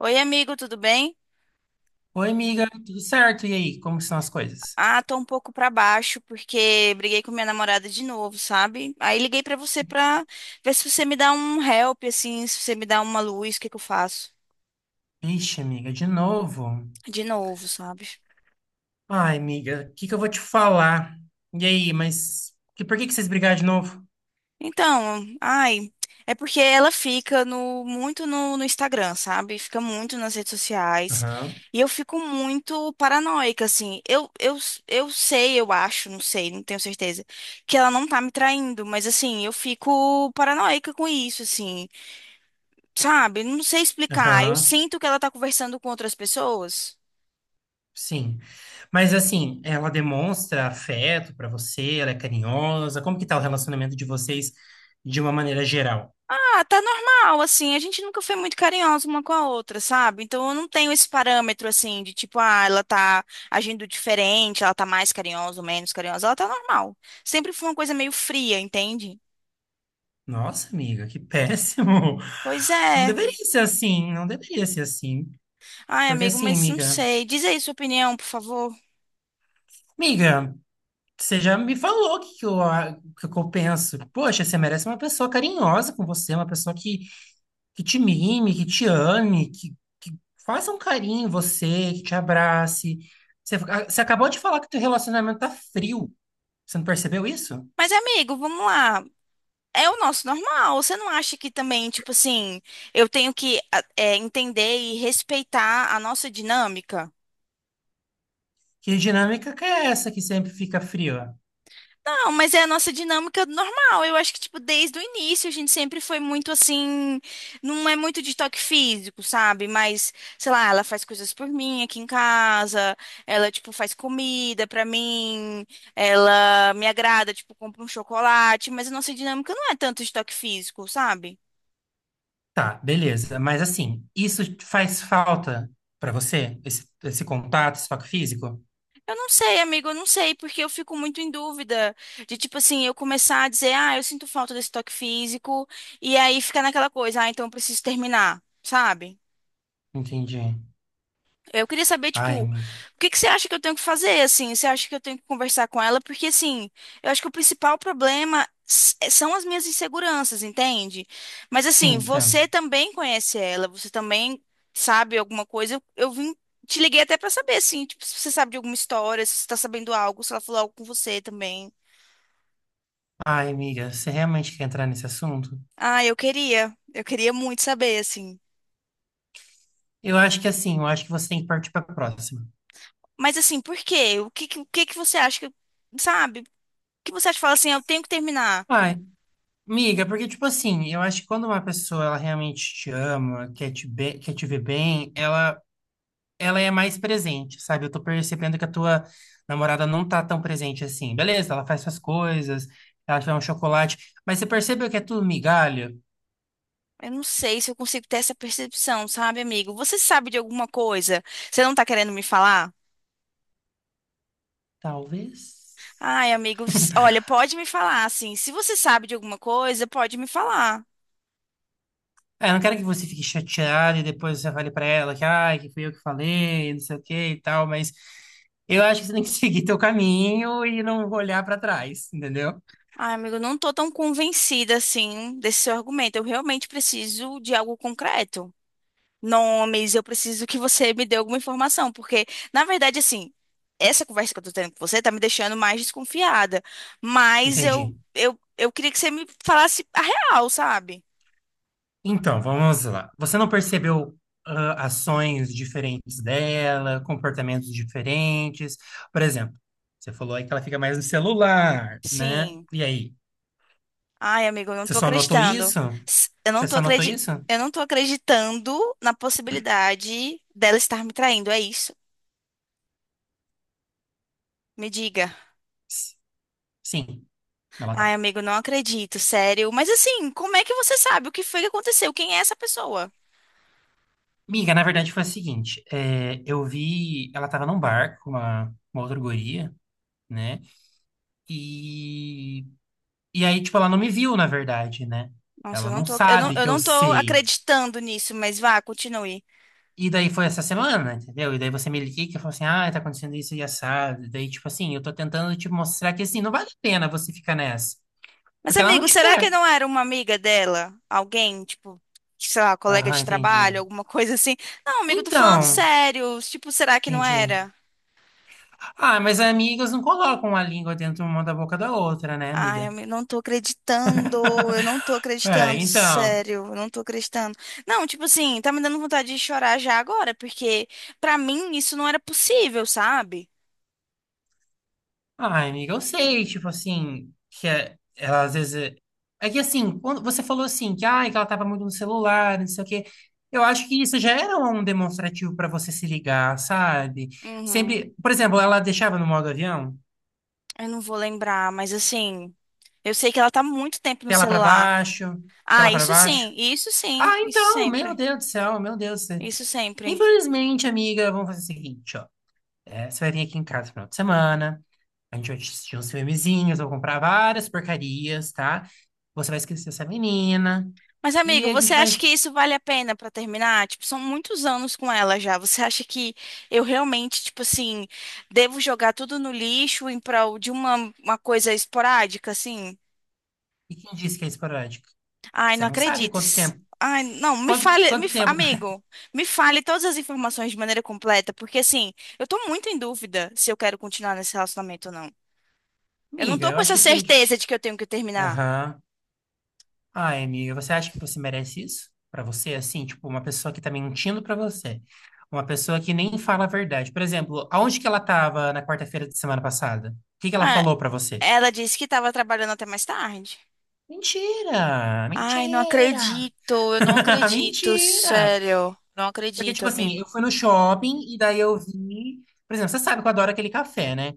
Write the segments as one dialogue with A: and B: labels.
A: Oi, amigo, tudo bem?
B: Oi, amiga, tudo certo? E aí, como que são as coisas?
A: Ah, tô um pouco pra baixo porque briguei com minha namorada de novo, sabe? Aí liguei pra você pra ver se você me dá um help, assim, se você me dá uma luz, o que que eu faço?
B: Ixi, amiga, de novo?
A: De novo, sabe?
B: Ai, amiga, o que que eu vou te falar? E aí, mas por que que vocês brigaram de novo?
A: Então, ai, é porque ela fica no Instagram, sabe? Fica muito nas redes sociais.
B: Aham,
A: E eu fico muito paranoica, assim. Eu sei, eu acho, não sei, não tenho certeza, que ela não tá me traindo, mas assim, eu fico paranoica com isso, assim. Sabe? Não sei explicar. Eu
B: aham,
A: sinto que ela tá conversando com outras pessoas.
B: sim. Mas assim, ela demonstra afeto pra você, ela é carinhosa. Como que tá o relacionamento de vocês de uma maneira geral?
A: Ah, tá normal, assim. A gente nunca foi muito carinhosa uma com a outra, sabe? Então eu não tenho esse parâmetro, assim, de tipo, ah, ela tá agindo diferente, ela tá mais carinhosa ou menos carinhosa. Ela tá normal. Sempre foi uma coisa meio fria, entende?
B: Nossa, amiga, que péssimo.
A: Pois
B: Não
A: é.
B: deveria ser assim, não deveria ser assim.
A: Ai,
B: Porque
A: amigo,
B: assim,
A: mas não
B: amiga,
A: sei. Diz aí sua opinião, por favor.
B: amiga. Você já me falou que eu penso. Poxa, você merece uma pessoa carinhosa com você, uma pessoa que te mime, que te ame, que faça um carinho em você, que te abrace. Você acabou de falar que teu relacionamento tá frio. Você não percebeu isso?
A: Mas, amigo, vamos lá. É o nosso normal. Você não acha que também, tipo assim, eu tenho que entender e respeitar a nossa dinâmica?
B: Que dinâmica que é essa que sempre fica fria?
A: Não, mas é a nossa dinâmica normal. Eu acho que, tipo, desde o início a gente sempre foi muito assim. Não é muito de toque físico, sabe? Mas, sei lá, ela faz coisas por mim aqui em casa. Ela, tipo, faz comida pra mim. Ela me agrada, tipo, compra um chocolate. Mas a nossa dinâmica não é tanto de toque físico, sabe?
B: Tá, beleza. Mas assim, isso faz falta pra você? Esse contato, esse toque físico?
A: Eu não sei, amigo, eu não sei, porque eu fico muito em dúvida de, tipo assim, eu começar a dizer, ah, eu sinto falta desse toque físico, e aí fica naquela coisa, ah, então eu preciso terminar, sabe?
B: Entendi.
A: Eu queria saber,
B: Ai,
A: tipo, o
B: amiga.
A: que que você acha que eu tenho que fazer, assim? Você acha que eu tenho que conversar com ela? Porque, assim, eu acho que o principal problema são as minhas inseguranças, entende? Mas,
B: Sim,
A: assim,
B: entendo.
A: você também conhece ela, você também sabe alguma coisa. Te liguei até pra saber, assim, tipo, se você sabe de alguma história, se você tá sabendo algo, se ela falou algo com você também.
B: Ai, amiga, você realmente quer entrar nesse assunto?
A: Ah, eu queria muito saber, assim.
B: Eu acho que assim, eu acho que você tem que partir para a próxima.
A: Mas, assim, por quê? O que que você acha que, sabe? O que você acha que fala assim, "Ah, eu tenho que terminar?
B: Ai, amiga, porque tipo assim, eu acho que quando uma pessoa ela realmente te ama, quer te, quer te ver bem, ela é mais presente, sabe? Eu tô percebendo que a tua namorada não tá tão presente assim. Beleza, ela faz suas coisas, ela te dá um chocolate, mas você percebeu que é tudo migalha?
A: Eu não sei se eu consigo ter essa percepção, sabe, amigo? Você sabe de alguma coisa? Você não tá querendo me falar?
B: Talvez.
A: Ai, amigo, olha, pode me falar, assim. Se você sabe de alguma coisa, pode me falar.
B: É, eu não quero que você fique chateado e depois você fale pra ela que, ai, que fui eu que falei, não sei o que e tal, mas eu acho que você tem que seguir teu caminho e não olhar pra trás, entendeu?
A: Ai, amigo, eu não tô tão convencida, assim, desse seu argumento. Eu realmente preciso de algo concreto. Nomes, eu preciso que você me dê alguma informação, porque, na verdade, assim, essa conversa que eu tô tendo com você tá me deixando mais desconfiada. Mas eu,
B: Entendi.
A: eu, eu queria que você me falasse a real, sabe?
B: Então, vamos lá. Você não percebeu, ah, ações diferentes dela, comportamentos diferentes? Por exemplo, você falou aí que ela fica mais no celular, né?
A: Sim.
B: E aí,
A: Ai, amigo, eu não
B: você
A: tô
B: só notou
A: acreditando.
B: isso?
A: S- Eu não
B: Você
A: tô
B: só notou
A: acredi...
B: isso?
A: eu não tô acreditando na possibilidade dela estar me traindo, é isso? Me diga.
B: S- Sim, ela
A: Ai,
B: tá.
A: amigo, não acredito, sério. Mas assim, como é que você sabe o que foi que aconteceu? Quem é essa pessoa?
B: Miga, na verdade foi a seguinte, é, eu vi, ela tava num bar com uma outra guria, né? E, e aí, tipo, ela não me viu, na verdade, né?
A: Nossa, eu
B: Ela
A: não
B: não
A: tô, eu não,
B: sabe
A: eu
B: que eu
A: não tô
B: sei.
A: acreditando nisso, mas vá, continue.
B: E daí foi essa semana, entendeu? E daí você me liga que falou assim, ah, tá acontecendo isso e assado. E daí, tipo assim, eu tô tentando te mostrar que, assim, não vale a pena você ficar nessa.
A: Mas,
B: Porque ela não
A: amigo,
B: te
A: será que
B: quer.
A: não era uma amiga dela? Alguém, tipo, sei lá, colega
B: Aham,
A: de trabalho,
B: entendi.
A: alguma coisa assim? Não, amigo, tô falando
B: Então,
A: sério. Tipo, será que não
B: entendi.
A: era?
B: Ah, mas amigas não colocam a língua dentro uma da boca da outra, né,
A: Ai,
B: amiga?
A: não tô acreditando, eu não tô
B: É,
A: acreditando,
B: então.
A: sério, eu não tô acreditando. Não, tipo assim, tá me dando vontade de chorar já agora, porque pra mim isso não era possível, sabe?
B: Ai, amiga, eu sei, tipo assim, ela às vezes. É que assim, quando você falou assim, que, ai, que ela tava muito no celular, não sei o quê. Eu acho que isso já era um demonstrativo pra você se ligar, sabe?
A: Uhum.
B: Sempre. Por exemplo, ela deixava no modo avião,
A: Eu não vou lembrar, mas assim, eu sei que ela tá muito tempo no
B: tela pra
A: celular.
B: baixo, tela
A: Ah,
B: pra
A: isso
B: baixo.
A: sim, isso sim,
B: Ah,
A: isso
B: então, meu
A: sempre,
B: Deus do céu, meu Deus do céu.
A: isso sempre.
B: Infelizmente, amiga, vamos fazer o seguinte, ó. É, você vai vir aqui em casa no final de semana. A gente assistia uns filmezinhos, eu comprar várias porcarias, tá? Você vai esquecer essa menina.
A: Mas, amigo,
B: E a gente
A: você acha que
B: vai.
A: isso vale a pena pra terminar? Tipo, são muitos anos com ela já. Você acha que eu realmente, tipo assim, devo jogar tudo no lixo em prol de uma coisa esporádica, assim?
B: E quem disse que é esporádico?
A: Ai, não
B: Você não sabe
A: acredito.
B: quanto tempo.
A: Ai, não, me fale,
B: Quanto tempo?
A: amigo, me fale todas as informações de maneira completa, porque assim, eu tô muito em dúvida se eu quero continuar nesse relacionamento ou não. Eu não
B: Amiga,
A: tô
B: eu
A: com
B: acho
A: essa
B: que você tem que.
A: certeza de que eu tenho que terminar.
B: Aham. Ai, amiga, você acha que você merece isso? Pra você, assim, tipo, uma pessoa que tá mentindo pra você. Uma pessoa que nem fala a verdade. Por exemplo, aonde que ela tava na quarta-feira de semana passada? O que que ela
A: Ah,
B: falou pra você?
A: ela disse que tava trabalhando até mais tarde.
B: Mentira!
A: Ai, não
B: Mentira!
A: acredito, eu não acredito,
B: Mentira!
A: sério. Não
B: Porque,
A: acredito,
B: tipo assim,
A: amigo.
B: eu fui no shopping e daí eu vi. Por exemplo, você sabe que eu adoro aquele café, né?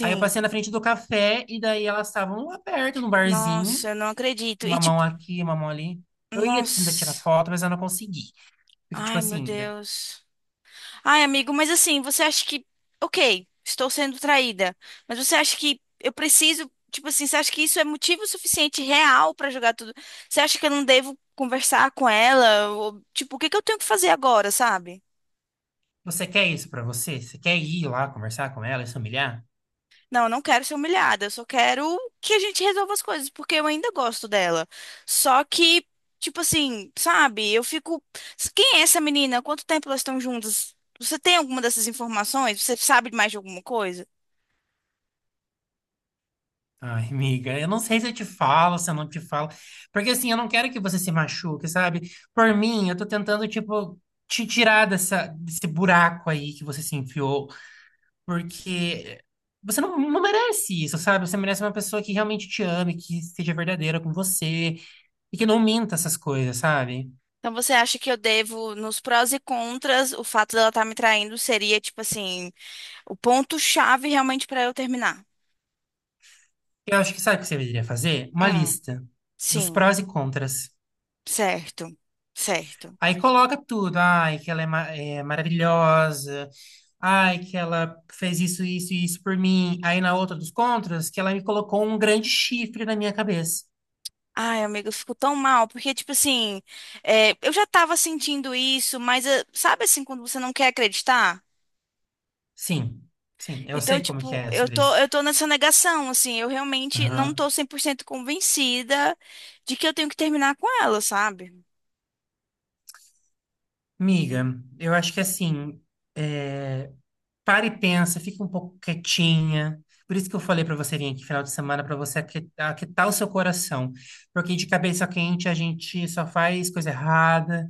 B: Aí eu passei na frente do café e daí elas estavam lá perto, num barzinho,
A: Nossa, eu não acredito. E
B: uma mão
A: tipo,
B: aqui, uma mão ali. Eu ia tentar tirar
A: nossa.
B: foto, mas eu não consegui. Porque, tipo
A: Ai, meu
B: assim,
A: Deus. Ai, amigo, mas assim, você acha que. Ok, estou sendo traída. Mas você acha que eu preciso. Tipo assim, você acha que isso é motivo suficiente real pra jogar tudo? Você acha que eu não devo conversar com ela? Ou, tipo, o que que eu tenho que fazer agora, sabe?
B: você quer isso pra você? Você quer ir lá conversar com ela e se humilhar?
A: Não, eu não quero ser humilhada, eu só quero que a gente resolva as coisas, porque eu ainda gosto dela. Só que, tipo assim, sabe, eu fico. Quem é essa menina? Quanto tempo elas estão juntas? Você tem alguma dessas informações? Você sabe mais de alguma coisa?
B: Ai, amiga, eu não sei se eu te falo, se eu não te falo. Porque, assim, eu não quero que você se machuque, sabe? Por mim, eu tô tentando, tipo, te tirar dessa, desse buraco aí que você se enfiou. Porque você não merece isso, sabe? Você merece uma pessoa que realmente te ame, que seja verdadeira com você e que não minta essas coisas, sabe?
A: Então você acha que eu devo, nos prós e contras, o fato dela estar me traindo seria, tipo assim, o ponto-chave realmente para eu terminar?
B: Eu acho que sabe o que você deveria fazer? Uma
A: Hum,
B: lista dos
A: sim,
B: prós e contras.
A: certo, certo.
B: Aí coloca tudo. Ai, que ela é, é maravilhosa. Ai, que ela fez isso, isso e isso por mim. Aí na outra dos contras, que ela me colocou um grande chifre na minha cabeça.
A: Ai, amiga, eu fico tão mal, porque, tipo assim, eu já tava sentindo isso, mas sabe assim, quando você não quer acreditar?
B: Sim, sim, eu
A: Então,
B: sei como que
A: tipo,
B: é
A: eu
B: sobre
A: tô,
B: isso.
A: eu tô nessa negação, assim, eu realmente não tô 100% convencida de que eu tenho que terminar com ela, sabe?
B: Miga, eu acho que assim, é, para e pensa, fica um pouco quietinha. Por isso que eu falei para você vir aqui final de semana, para você aquietar o seu coração. Porque de cabeça quente a gente só faz coisa errada.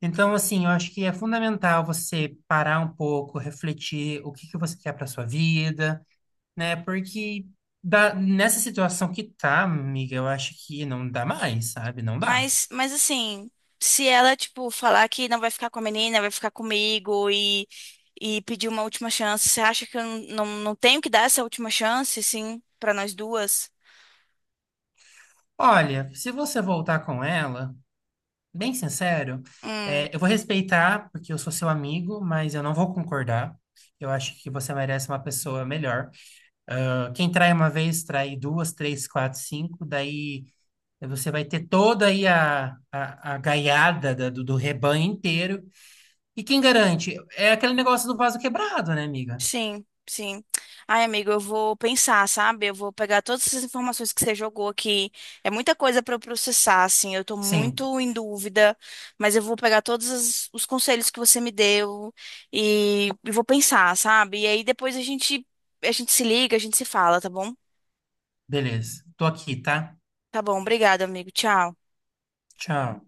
B: Então, assim, eu acho que é fundamental você parar um pouco, refletir o que que você quer para sua vida, né? Porque nessa situação que tá, amiga, eu acho que não dá mais, sabe? Não dá.
A: Mas assim, se ela, tipo, falar que não vai ficar com a menina, vai ficar comigo e pedir uma última chance, você acha que eu não, não, não tenho que dar essa última chance, assim, pra nós duas?
B: Olha, se você voltar com ela. Bem sincero,
A: Hum.
B: é, eu vou respeitar porque eu sou seu amigo, mas eu não vou concordar. Eu acho que você merece uma pessoa melhor. Ah, quem trai uma vez, trai duas, três, quatro, cinco. Daí você vai ter toda aí a gaiada do rebanho inteiro. E quem garante? É aquele negócio do vaso quebrado, né, amiga?
A: Sim, sim. Ai, amigo, eu vou pensar, sabe? Eu vou pegar todas essas informações que você jogou aqui. É muita coisa para eu processar, assim. Eu tô
B: Sim,
A: muito em dúvida, mas eu vou pegar todos os conselhos que você me deu e vou pensar, sabe? E aí depois a gente se liga, a gente se fala, tá bom?
B: beleza. Tô aqui, tá?
A: Tá bom, obrigada, amigo. Tchau.
B: Tchau.